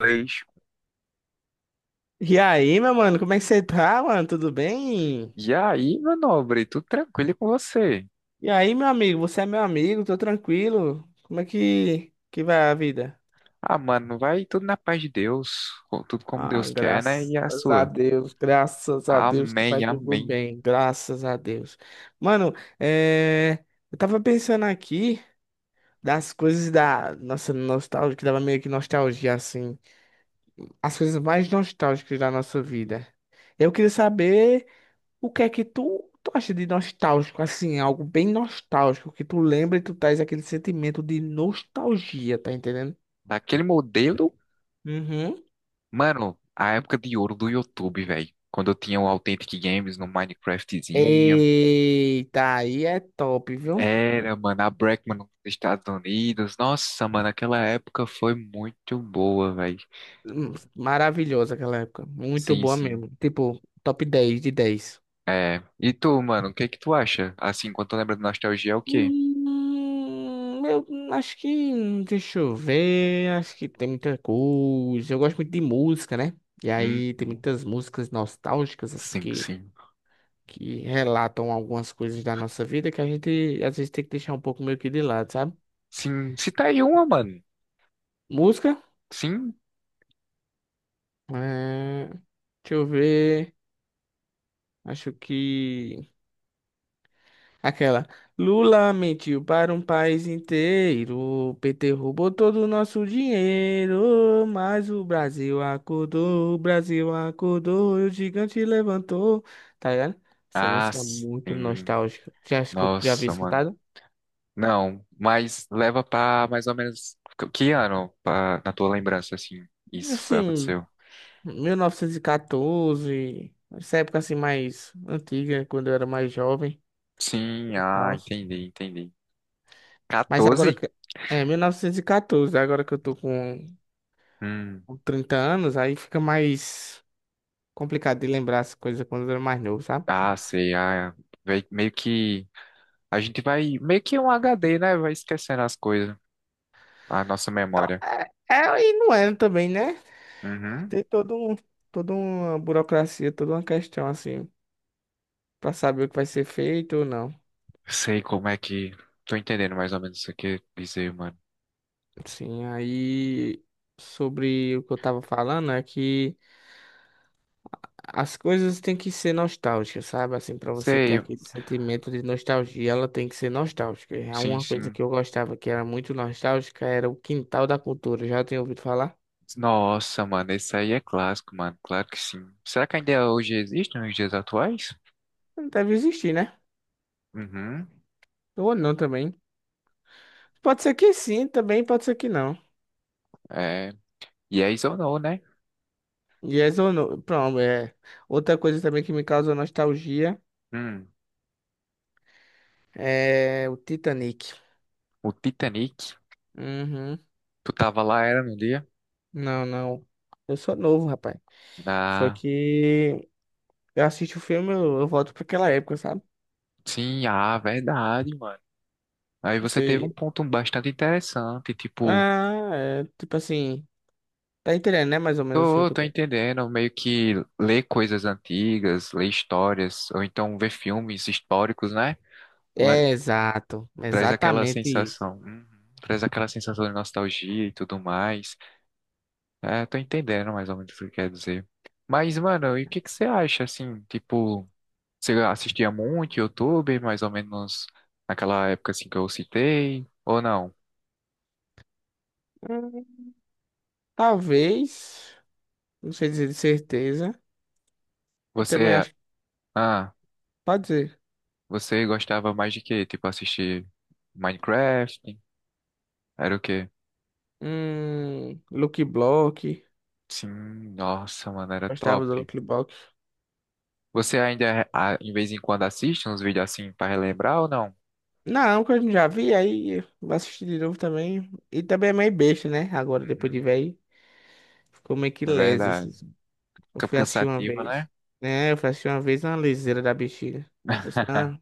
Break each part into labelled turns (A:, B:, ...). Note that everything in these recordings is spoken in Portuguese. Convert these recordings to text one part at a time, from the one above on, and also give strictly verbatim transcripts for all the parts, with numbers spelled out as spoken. A: Inglês.
B: E aí, meu mano, como é que você tá, mano? Tudo bem?
A: E aí, meu nobre, tudo tranquilo com você?
B: E aí, meu amigo, você é meu amigo, tô tranquilo. Como é que, que vai a vida?
A: Ah, mano, vai tudo na paz de Deus, com- tudo como
B: Ah,
A: Deus quer, né? E
B: graças
A: a
B: a
A: sua?
B: Deus, graças a Deus que
A: Amém,
B: vai tudo
A: amém.
B: bem, graças a Deus. Mano, é... eu tava pensando aqui das coisas da nossa nostalgia, que dava meio que nostalgia, assim. As coisas mais nostálgicas da nossa vida. Eu queria saber. O que é que tu, tu acha de nostálgico, assim, algo bem nostálgico, que tu lembra e tu traz aquele sentimento de nostalgia, tá entendendo?
A: Daquele modelo,
B: Uhum.
A: mano, a época de ouro do YouTube, velho. Quando eu tinha o Authentic Games no Minecraftzinho.
B: Eita, aí é top, viu?
A: Era, mano, a Breckman nos Estados Unidos. Nossa, mano, aquela época foi muito boa, velho.
B: Hum, Maravilhosa aquela época, muito
A: Sim,
B: boa
A: sim.
B: mesmo. Tipo, top dez de dez.
A: É. E tu, mano, o que que tu acha? Assim, quando tu lembra de nostalgia, é o quê?
B: Hum, eu acho que, deixa eu ver, acho que tem muita coisa. Eu gosto muito de música, né? E aí tem
A: Uhum.
B: muitas músicas nostálgicas, assim,
A: Sim,
B: que
A: sim.
B: que relatam algumas coisas da nossa vida que a gente às vezes tem que deixar um pouco meio que de lado, sabe?
A: Sim, cita aí uma, mano.
B: Música?
A: Sim.
B: É... Deixa eu ver. Acho que. Aquela. Lula mentiu para um país inteiro. O P T roubou todo o nosso dinheiro. Mas o Brasil acordou, o Brasil acordou e o gigante levantou. Tá ligado? Essa
A: Ah,
B: música é muito
A: sim.
B: nostálgica. Já, escu- já havia
A: Nossa, mano.
B: escutado?
A: Não, mas leva pra mais ou menos que que ano, pra- na tua lembrança, assim, isso foi,
B: Assim.
A: aconteceu.
B: mil novecentos e quatorze, essa época assim mais antiga, quando eu era mais jovem
A: Sim,
B: e
A: ah,
B: tal.
A: entendi, entendi.
B: Mas agora
A: quatorze?
B: que. É, mil novecentos e quatorze, agora que eu tô com
A: Hum,
B: com trinta anos, aí fica mais complicado de lembrar as coisas quando eu era mais novo, sabe?
A: ah, sei, ah, vei- meio que, a gente vai, meio que um H D, né, vai esquecendo as coisas, a nossa memória.
B: É, é, e não era também, né?
A: Uhum,
B: Tem todo um, toda uma burocracia, toda uma questão assim, pra saber o que vai ser feito ou não.
A: sei como é que, tô entendendo mais ou menos o que você quer dizer, mano.
B: Sim, aí sobre o que eu tava falando é que. As coisas têm que ser nostálgicas, sabe? Assim, para você ter
A: Sei,
B: aquele sentimento de nostalgia, ela tem que ser nostálgica. E há
A: sim,
B: uma coisa
A: sim.
B: que eu gostava que era muito nostálgica, era o Quintal da Cultura. Já tinha ouvido falar?
A: Nossa, mano, esse aí é clássico, mano. Claro que sim. Será que ainda hoje existe nos dias atuais?
B: Não deve existir, né?
A: Uhum.
B: Ou não também. Pode ser que sim, também pode ser que não.
A: É. Yes ou não, né?
B: Yes ou no. Pronto, é. Outra coisa também que me causou nostalgia
A: Hum.
B: é o Titanic.
A: O Titanic.
B: Uhum.
A: Tu tava lá, era no dia?
B: Não, não. Eu sou novo, rapaz. Foi
A: Ah,
B: que eu assisto o filme, eu, eu volto para aquela época, sabe?
A: sim, ah, verdade, mano. Aí você teve
B: Você.
A: um ponto bastante interessante, tipo,
B: Ah, é, tipo assim, tá entendendo, né? Mais ou menos assim o
A: tô,
B: que eu
A: tô
B: tô.
A: entendendo, meio que ler coisas antigas, ler histórias, ou então ver filmes históricos, né? Le-
B: É, exato,
A: Traz aquela
B: exatamente isso.
A: sensação, uhum, traz aquela sensação de nostalgia e tudo mais. É, tô entendendo mais ou menos o que quer dizer. Mas, mano, e o que que você acha, assim, tipo, você assistia muito YouTube, mais ou menos naquela época, assim, que eu citei, ou não?
B: Hum, talvez, não sei dizer de certeza. Eu também
A: Você,
B: acho que
A: ah,
B: pode ser.
A: você gostava mais de quê? Tipo, assistir Minecraft? Era o quê?
B: Hum, Lucky Block,
A: Sim, nossa, mano, era
B: gostava
A: top.
B: do Lucky Block.
A: Você ainda, ah, em vez em quando, assiste uns vídeos assim pra relembrar ou não?
B: Não, que eu já vi, aí vou assistir de novo também. E também é meio besta, né? Agora, depois de
A: Uhum,
B: velho, ficou meio que
A: é
B: lesa.
A: verdade.
B: esses- Eu
A: Fica
B: fui assistir uma
A: cansativo,
B: vez,
A: né?
B: né? Eu fui assistir uma vez na liseira da bexiga. Mas,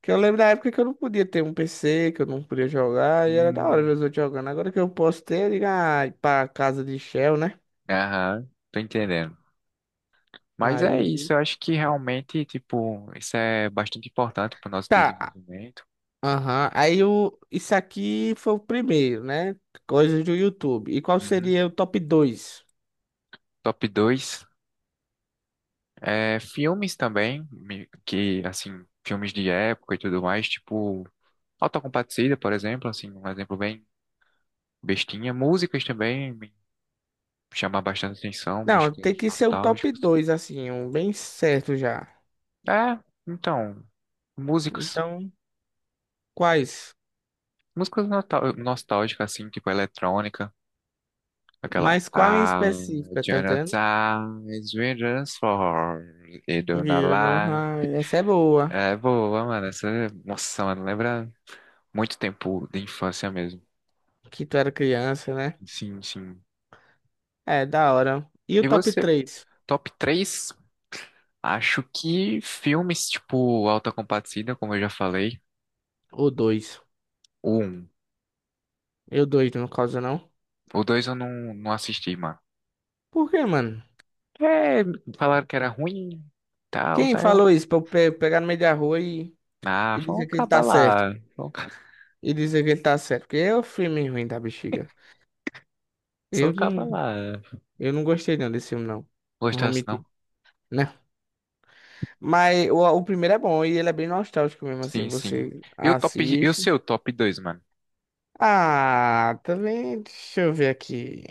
B: que eu lembro da época que eu não podia ter um P C, que eu não podia jogar, e era da hora
A: Hum,
B: ver os outros jogando. Agora que eu posso ter, eu digo, ah, ir pra casa de Shell, né?
A: aham, tô entendendo. Mas é
B: Aí.
A: isso, eu acho que realmente, tipo, isso é bastante importante para o nosso
B: Tá.
A: desenvolvimento.
B: Aham. Aí o. Isso aqui foi o primeiro, né? Coisas do YouTube. E qual
A: Uhum.
B: seria o top dois?
A: Top dois. É, filmes também, me- que, assim, filmes de época e tudo mais, tipo, Autocompadecida, por exemplo, assim, um exemplo bem bestinha. Músicas também me chamam bastante atenção,
B: Não, tem
A: músicas
B: que ser um top
A: nostálgicas.
B: dois assim, um bem certo já.
A: É, então, músicas,
B: Então, quais?
A: músicas nostal- nostálgicas, assim, tipo, eletrônica. Aquela
B: Mas qual em
A: I'll
B: específico, tá entendendo?
A: Jonathan's Rangers for e Dona
B: Viu, no
A: Lá.
B: raio. Essa é boa.
A: É boa, mano. Essa, nossa, mano, lembra muito tempo de infância mesmo.
B: Que tu era criança, né?
A: Sim, sim.
B: É, da hora. E o
A: E
B: top
A: você,
B: três?
A: top três. Acho que filmes tipo Alta Compadecida, como eu já falei.
B: Ou dois.
A: O um.
B: Eu dois, no caso, não.
A: O dois eu não, não assisti, mano.
B: Por quê, mano?
A: É, falaram que era ruim, tal,
B: Quem
A: saiu.
B: falou isso pra eu pe- pegar no meio da rua e,
A: Ah,
B: e
A: vamos
B: dizer que ele
A: acabar
B: tá certo?
A: lá. Vamos ca-
B: E dizer que ele tá certo? Porque é o filme ruim da bexiga.
A: Só
B: Eu
A: acabar
B: não,
A: lá.
B: eu não gostei não desse filme, não. Não vou
A: Gostasse não,
B: mentir. Né? Mas o, o primeiro é bom e ele é bem nostálgico mesmo,
A: sim,
B: assim.
A: sim.
B: Você
A: E o top, e o
B: assiste.
A: seu top dois mano?
B: Ah, também. Deixa eu ver aqui.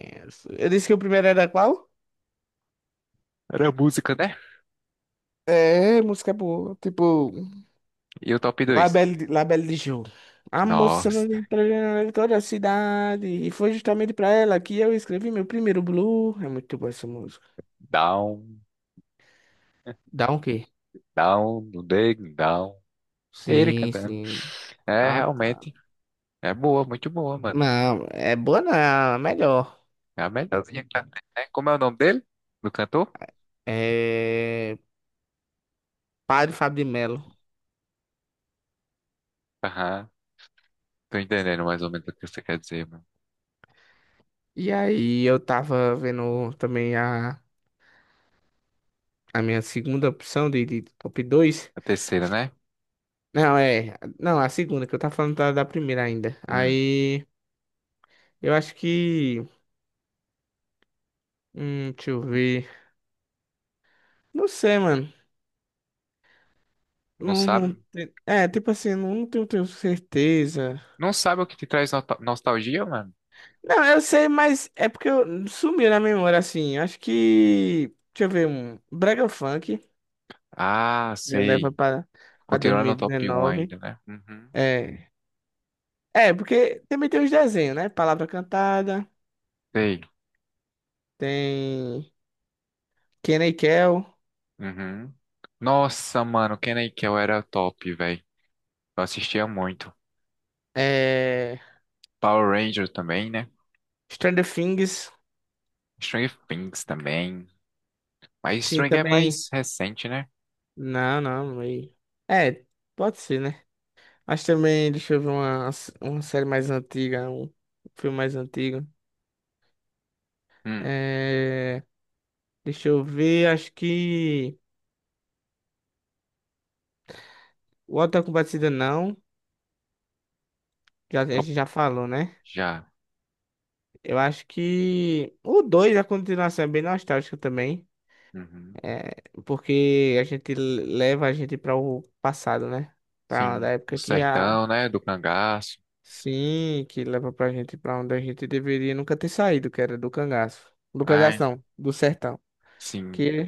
B: Eu disse que o primeiro era qual?
A: Era música, né?
B: É, música boa. Tipo.
A: E o top dois.
B: La Belle, La Belle de Jour. A moça não
A: Nossa,
B: entra em toda a cidade. E foi justamente pra ela que eu escrevi meu primeiro blue. É muito boa essa música.
A: down,
B: Dá um quê?
A: down, down, down. Ele
B: Sim,
A: cantando.
B: sim.
A: É,
B: Ah, tá.
A: realmente, é boa, muito boa, mano.
B: Não, é boa não, é melhor.
A: É a melhorzinha que já tem, né? Como é o nome dele? Do cantor?
B: É Padre Fábio de Melo.
A: Aham, tô entendendo mais ou menos o que você quer dizer, mano.
B: E aí eu tava vendo também a, a minha segunda opção de, de top dois.
A: A terceira, né?
B: Não, é. Não, a segunda, que eu tava falando da, da primeira ainda.
A: Hum,
B: Aí eu acho que. Hum, deixa eu ver. Não sei, mano.
A: não
B: Não, não,
A: sabe?
B: te- é, tipo assim, não, tenho, tenho certeza.
A: Não sabe o que te traz nota- nostalgia, mano?
B: Não, eu sei, mas é porque eu, sumiu na memória, assim. Acho que. Deixa eu ver, um Brega Funk
A: Ah,
B: me leva
A: sei.
B: pra, pra
A: Continuando no top um ainda,
B: dois mil e dezenove.
A: né? Uhum.
B: É. É, porque também tem os desenhos, né? Palavra Cantada,
A: Sei.
B: tem Kenny Kel,
A: Uhum. Nossa, mano, Kel era top, velho. Eu assistia muito.
B: é.
A: Power Ranger também, né?
B: Stranger Things,
A: Stranger Things também. Mas
B: sim,
A: Stranger é
B: também.
A: mais recente, né?
B: Não, não, meio. É, pode ser, né? Mas também, deixa eu ver uma, uma série mais antiga, um filme mais antigo.
A: Hum,
B: É, deixa eu ver, acho que o Auto da Compadecida não, já, a
A: eu-
B: gente já falou, né?
A: já.
B: Eu acho que o dois a continuação é bem nostálgica também,
A: Uhum.
B: é, porque a gente leva a gente para o passado, né? Para uma da
A: Sim, o
B: época que a...
A: sertão, né? Do cangaço.
B: Sim, que leva pra gente pra onde a gente deveria nunca ter saído, que era do cangaço. Do cangaço
A: Ai,
B: não, do sertão.
A: sim.
B: Que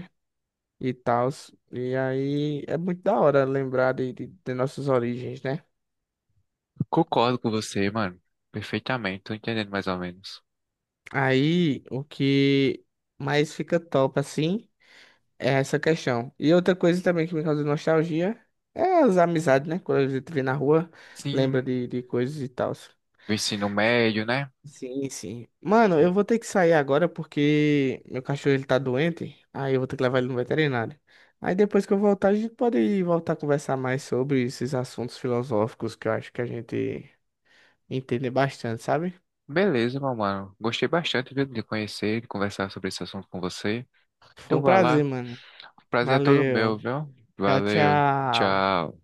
B: e tal. E aí é muito da hora lembrar de, de, de nossas origens, né?
A: Concordo com você, mano. Perfeitamente, tô entendendo mais ou menos.
B: Aí o que mais fica top assim é essa questão. E outra coisa também que me causa nostalgia é as amizades, né? Quando a gente vê na rua, lembra
A: Sim,
B: de, de coisas e tal.
A: do ensino médio, né?
B: Sim, sim. Mano, eu vou ter que sair agora porque meu cachorro ele tá doente. Aí eu vou ter que levar ele no veterinário. Aí depois que eu voltar, a gente pode voltar a conversar mais sobre esses assuntos filosóficos que eu acho que a gente entender bastante, sabe?
A: Beleza, meu mano. Gostei bastante viu, de conhecer, de conversar sobre esse assunto com você.
B: Foi
A: Então,
B: um
A: vai
B: prazer,
A: lá.
B: mano.
A: Prazer é todo meu,
B: Valeu.
A: viu?
B: Tchau,
A: Valeu,
B: tchau.
A: tchau.